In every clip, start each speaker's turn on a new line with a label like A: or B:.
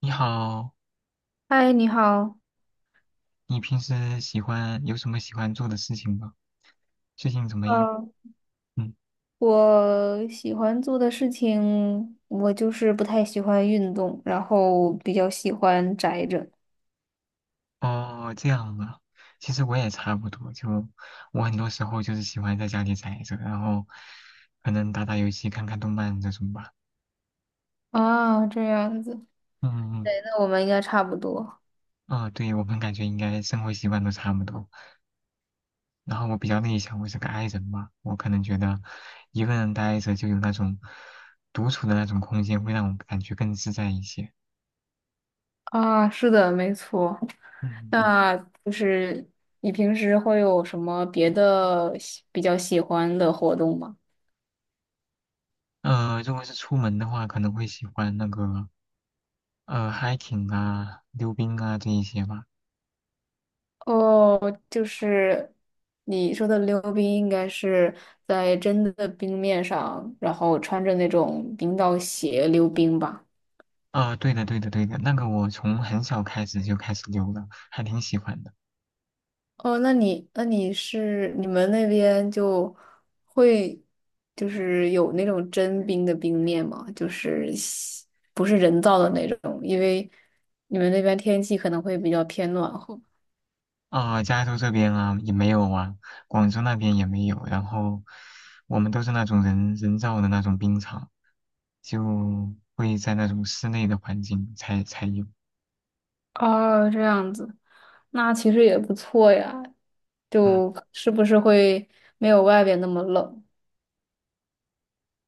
A: 你好，
B: 嗨，你好。
A: 你平时喜欢有什么喜欢做的事情吗？最近怎么样？
B: 嗯，
A: 嗯，
B: 我喜欢做的事情，我就是不太喜欢运动，然后比较喜欢宅着。
A: 哦，这样啊。其实我也差不多，就我很多时候就是喜欢在家里宅着，然后可能打打游戏、看看动漫这种吧。
B: 啊，这样子
A: 嗯
B: 对，那我们应该差不多。
A: 嗯，啊，对，我们感觉应该生活习惯都差不多。然后我比较内向，我是个 I 人嘛，我可能觉得一个人待着就有那种独处的那种空间，会让我感觉更自在一些。
B: 啊，是的，没错。
A: 嗯，
B: 那就是你平时会有什么别的比较喜欢的活动吗？
A: 如果是出门的话，可能会喜欢那个hiking 啊、溜冰啊这一些吧。
B: 哦，就是你说的溜冰，应该是在真的冰面上，然后穿着那种冰刀鞋溜冰吧。
A: 啊、对的，对的，对的，那个我从很小开始就开始溜了，还挺喜欢的。
B: 哦，那你是你们那边就会就是有那种真冰的冰面吗？就是不是人造的那种，因为你们那边天气可能会比较偏暖和。
A: 啊、加州这边啊也没有啊，广州那边也没有，然后我们都是那种人造的那种冰场，就会在那种室内的环境才有。
B: 哦，这样子，那其实也不错呀，
A: 嗯，
B: 就是不是会没有外边那么冷？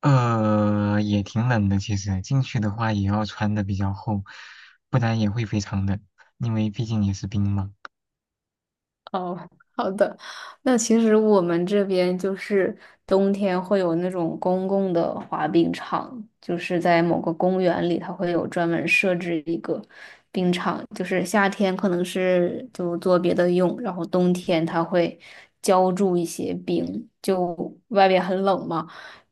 A: 也挺冷的，其实进去的话也要穿的比较厚，不然也会非常冷，因为毕竟也是冰嘛。
B: 哦，好的。那其实我们这边就是冬天会有那种公共的滑冰场，就是在某个公园里，它会有专门设置一个冰场。就是夏天可能是就做别的用，然后冬天它会浇筑一些冰，就外边很冷嘛，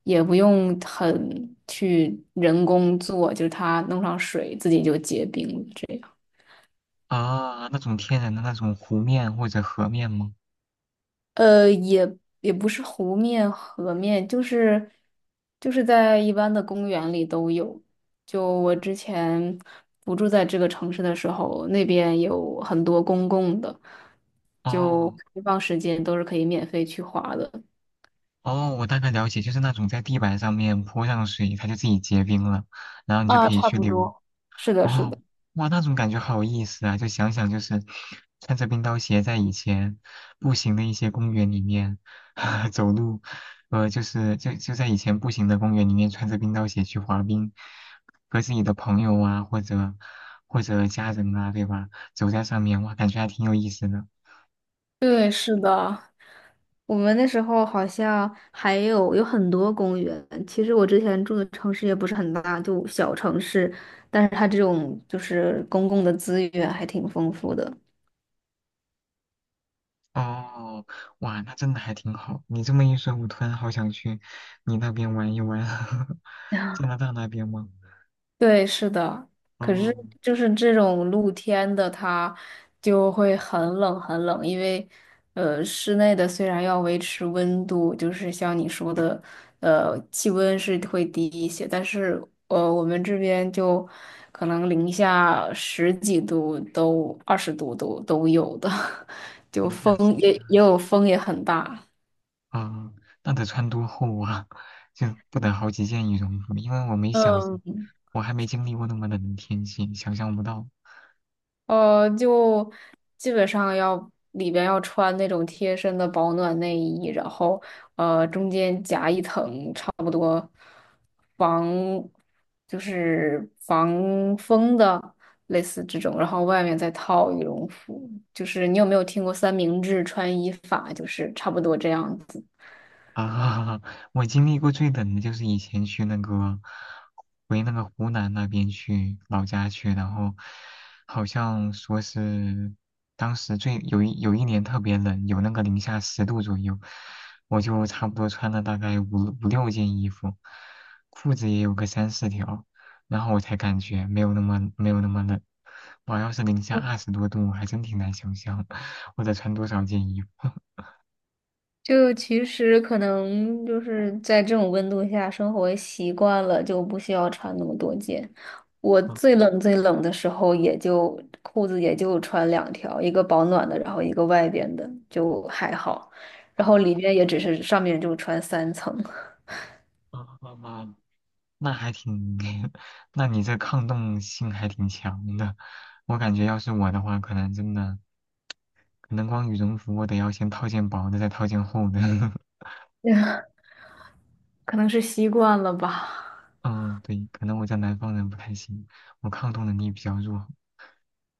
B: 也不用很去人工做，就是它弄上水自己就结冰了这样。
A: 啊，那种天然的那种湖面或者河面吗？
B: 呃，也也不是湖面、河面，就是在一般的公园里都有。就我之前不住在这个城市的时候，那边有很多公共的，就
A: 哦
B: 开放时间都是可以免费去滑的。
A: 哦，我大概了解，就是那种在地板上面泼上水，它就自己结冰了，然后你就
B: 啊，
A: 可以
B: 差
A: 去
B: 不
A: 溜。
B: 多。是的，是
A: 哦，
B: 的，
A: 哇，那种感觉好有意思啊！就想想，就是穿着冰刀鞋在以前步行的一些公园里面 走路，就是就在以前步行的公园里面穿着冰刀鞋去滑冰，和自己的朋友啊，或者家人啊，对吧？走在上面，哇，感觉还挺有意思的。
B: 对，是的。我们那时候好像还有很多公园。其实我之前住的城市也不是很大，就小城市，但是它这种就是公共的资源还挺丰富的。
A: 哦，哇，那真的还挺好。你这么一说，我突然好想去你那边玩一玩，加拿大那边吗？
B: 对，是的。可
A: 哦，
B: 是就是这种露天的，它就会很冷很冷，因为室内的虽然要维持温度，就是像你说的，气温是会低一些，但是我们这边就可能零下十几度都二十度都有的，就
A: 等一下，
B: 风
A: 试一下。
B: 也有风也很大。
A: 啊，那得穿多厚啊？就不得好几件羽绒服，因为我没想象，
B: 嗯。
A: 我还没经历过那么冷的天气，想象不到。
B: 就基本上要里边要穿那种贴身的保暖内衣，然后中间夹一层差不多防就是防风的类似这种，然后外面再套羽绒服。就是你有没有听过三明治穿衣法？就是差不多这样子。
A: 啊，我经历过最冷的就是以前去那个回那个湖南那边去老家去，然后好像说是当时最有一年特别冷，有那个零下10度左右，我就差不多穿了大概五六件衣服，裤子也有个3、4条，然后我才感觉没有那么冷。我要是零下20多度，我还真挺难想象我得穿多少件衣服。
B: 就其实可能就是在这种温度下生活习惯了，就不需要穿那么多件。我最
A: 嗯，
B: 冷最冷的时候，也就裤子也就穿两条，一个保暖的，然后一个外边的，就还好。然后
A: 好，
B: 里边也只是上面就穿三层。
A: 啊啊啊！那还挺，那你这抗冻性还挺强的。我感觉要是我的话，可能真的，可能光羽绒服我得要先套件薄的，再套件厚的。
B: 可能是习惯了吧。
A: 嗯，对，可能我在南方人不太行，我抗冻能力比较弱。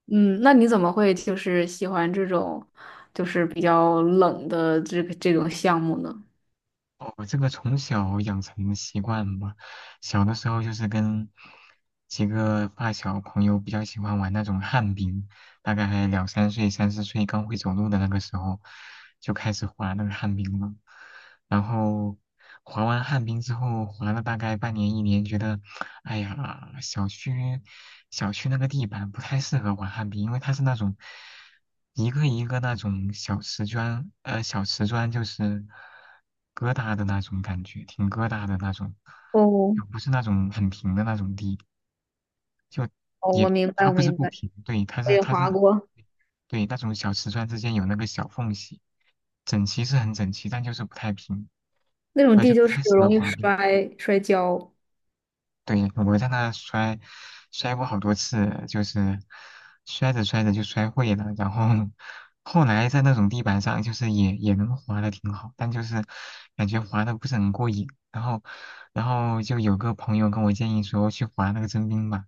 B: 嗯，那你怎么会就是喜欢这种，就是比较冷的这种项目呢？
A: 哦我这个从小养成的习惯吧，小的时候就是跟几个发小朋友比较喜欢玩那种旱冰，大概2、3岁、3、4岁刚会走路的那个时候，就开始滑那个旱冰了。然后滑完旱冰之后，滑了大概半年一年，觉得，哎呀，小区那个地板不太适合玩旱冰，因为它是那种一个一个那种小瓷砖，小瓷砖就是疙瘩的那种感觉，挺疙瘩的那种，
B: 哦，
A: 又不是那种很平的那种地。就
B: 哦，我
A: 也
B: 明白，
A: 它
B: 我
A: 不是
B: 明
A: 不
B: 白，
A: 平，对，它
B: 我
A: 是
B: 也
A: 它是
B: 滑过。
A: 对那种小瓷砖之间有那个小缝隙，整齐是很整齐，但就是不太平，
B: 那种
A: 那就
B: 地
A: 不
B: 就是
A: 太适
B: 容
A: 合
B: 易
A: 滑冰。
B: 摔跤。
A: 对，我在那摔，摔过好多次，就是摔着摔着就摔会了，然后后来在那种地板上，就是也能滑的挺好，但就是感觉滑的不是很过瘾。然后就有个朋友跟我建议说去滑那个征兵吧，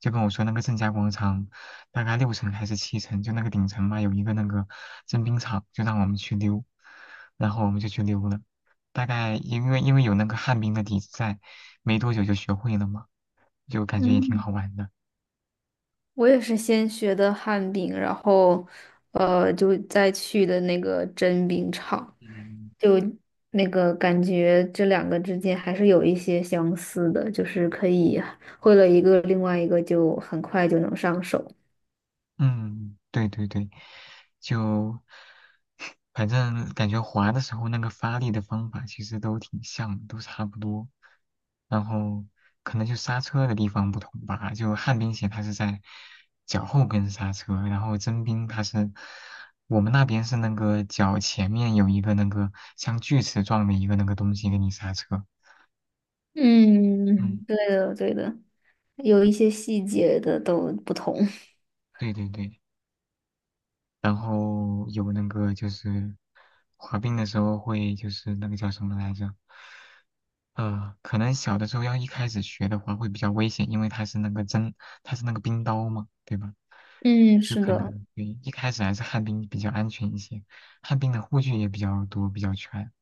A: 就跟我说那个正佳广场大概6层还是7层，就那个顶层嘛，有一个那个征兵场，就让我们去溜，然后我们就去溜了。大概因为有那个旱冰的底子在，没多久就学会了嘛，就感觉也挺
B: 嗯，
A: 好玩的。
B: 我也是先学的旱冰，然后就再去的那个真冰场，
A: 嗯，
B: 就那个感觉这两个之间还是有一些相似的，就是可以会了一个，另外一个就很快就能上手。
A: 嗯，对对对，就 反正感觉滑的时候那个发力的方法其实都挺像，都差不多。然后可能就刹车的地方不同吧，就旱冰鞋它是在脚后跟刹车，然后真冰它是我们那边是那个脚前面有一个那个像锯齿状的一个那个东西给你刹车。嗯。
B: 嗯，对的，对的，有一些细节的都不同。
A: 对对对，然后有那个就是滑冰的时候会就是那个叫什么来着？可能小的时候要一开始学的话会比较危险，因为它是那个针，它是那个冰刀嘛，对吧？
B: 嗯，
A: 有
B: 是
A: 可
B: 的。
A: 能对，一开始还是旱冰比较安全一些，旱冰的护具也比较多，比较全。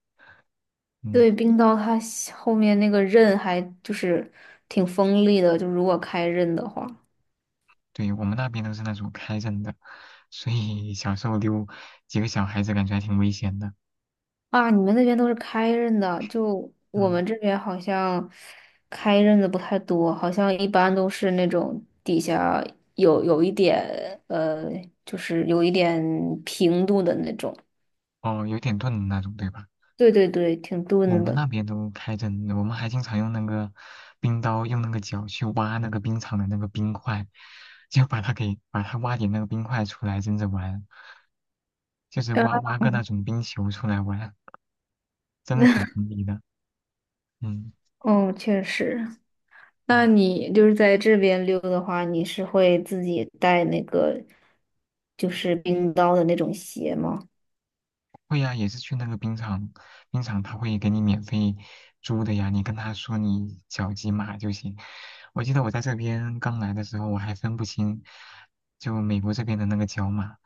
A: 嗯，
B: 对，冰刀它下后面那个刃还就是挺锋利的，就如果开刃的话
A: 对，我们那边都是那种开刃的，所以小时候溜几个小孩子感觉还挺危险的。
B: 啊，你们那边都是开刃的，就我
A: 嗯，
B: 们这边好像开刃的不太多，好像一般都是那种底下有一点呃，就是有一点平度的那种。
A: 哦，有点钝的那种，对吧？
B: 对对对，挺
A: 我
B: 钝
A: 们
B: 的。
A: 那边都开着呢，我们还经常用那个冰刀，用那个脚去挖那个冰场的那个冰块，就把它挖点那个冰块出来蒸着玩，就是
B: 啊，
A: 挖个那种冰球出来玩，真的挺 锋利的。嗯
B: 哦，确实。那
A: 嗯，
B: 你就是在这边溜的话，你是会自己带那个就是冰刀的那种鞋吗？
A: 会呀、也是去那个冰场，冰场他会给你免费租的呀，你跟他说你脚几码就行。我记得我在这边刚来的时候，我还分不清就美国这边的那个脚码，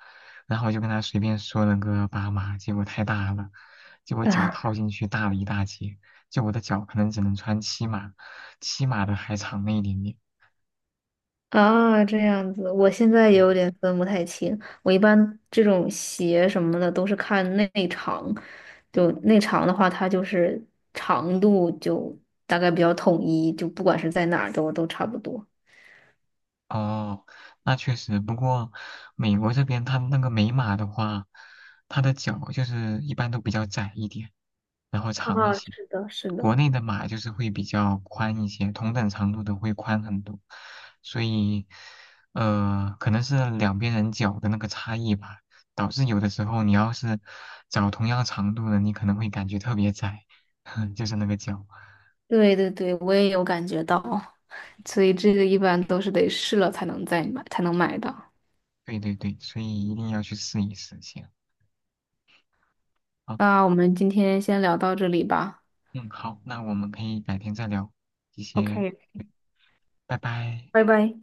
A: 然后我就跟他随便说了个8码，结果太大了，结果 脚
B: 啊
A: 套进去大了一大截，就我的脚可能只能穿七码，七码的还长了一点点。
B: 啊，这样子，我现在也
A: 对
B: 有点分不太清。我一般这种鞋什么的都是看内长，就内长的话，它就是长度就大概比较统一，就不管是在哪儿都差不多。
A: 哦，那确实。不过，美国这边它那个美马的话，它的脚就是一般都比较窄一点，然后长一
B: 啊，
A: 些。
B: 是的，是
A: 国
B: 的。
A: 内的马就是会比较宽一些，同等长度的会宽很多。所以，可能是两边人脚的那个差异吧，导致有的时候你要是找同样长度的，你可能会感觉特别窄，就是那个脚。
B: 对对对，我也有感觉到，所以这个一般都是得试了才能再买，才能买到。
A: 对对对，所以一定要去试一试先。啊。
B: 那我们今天先聊到这里吧。
A: 嗯，好，那我们可以改天再聊，谢谢，
B: OK，
A: 拜拜。
B: 拜拜。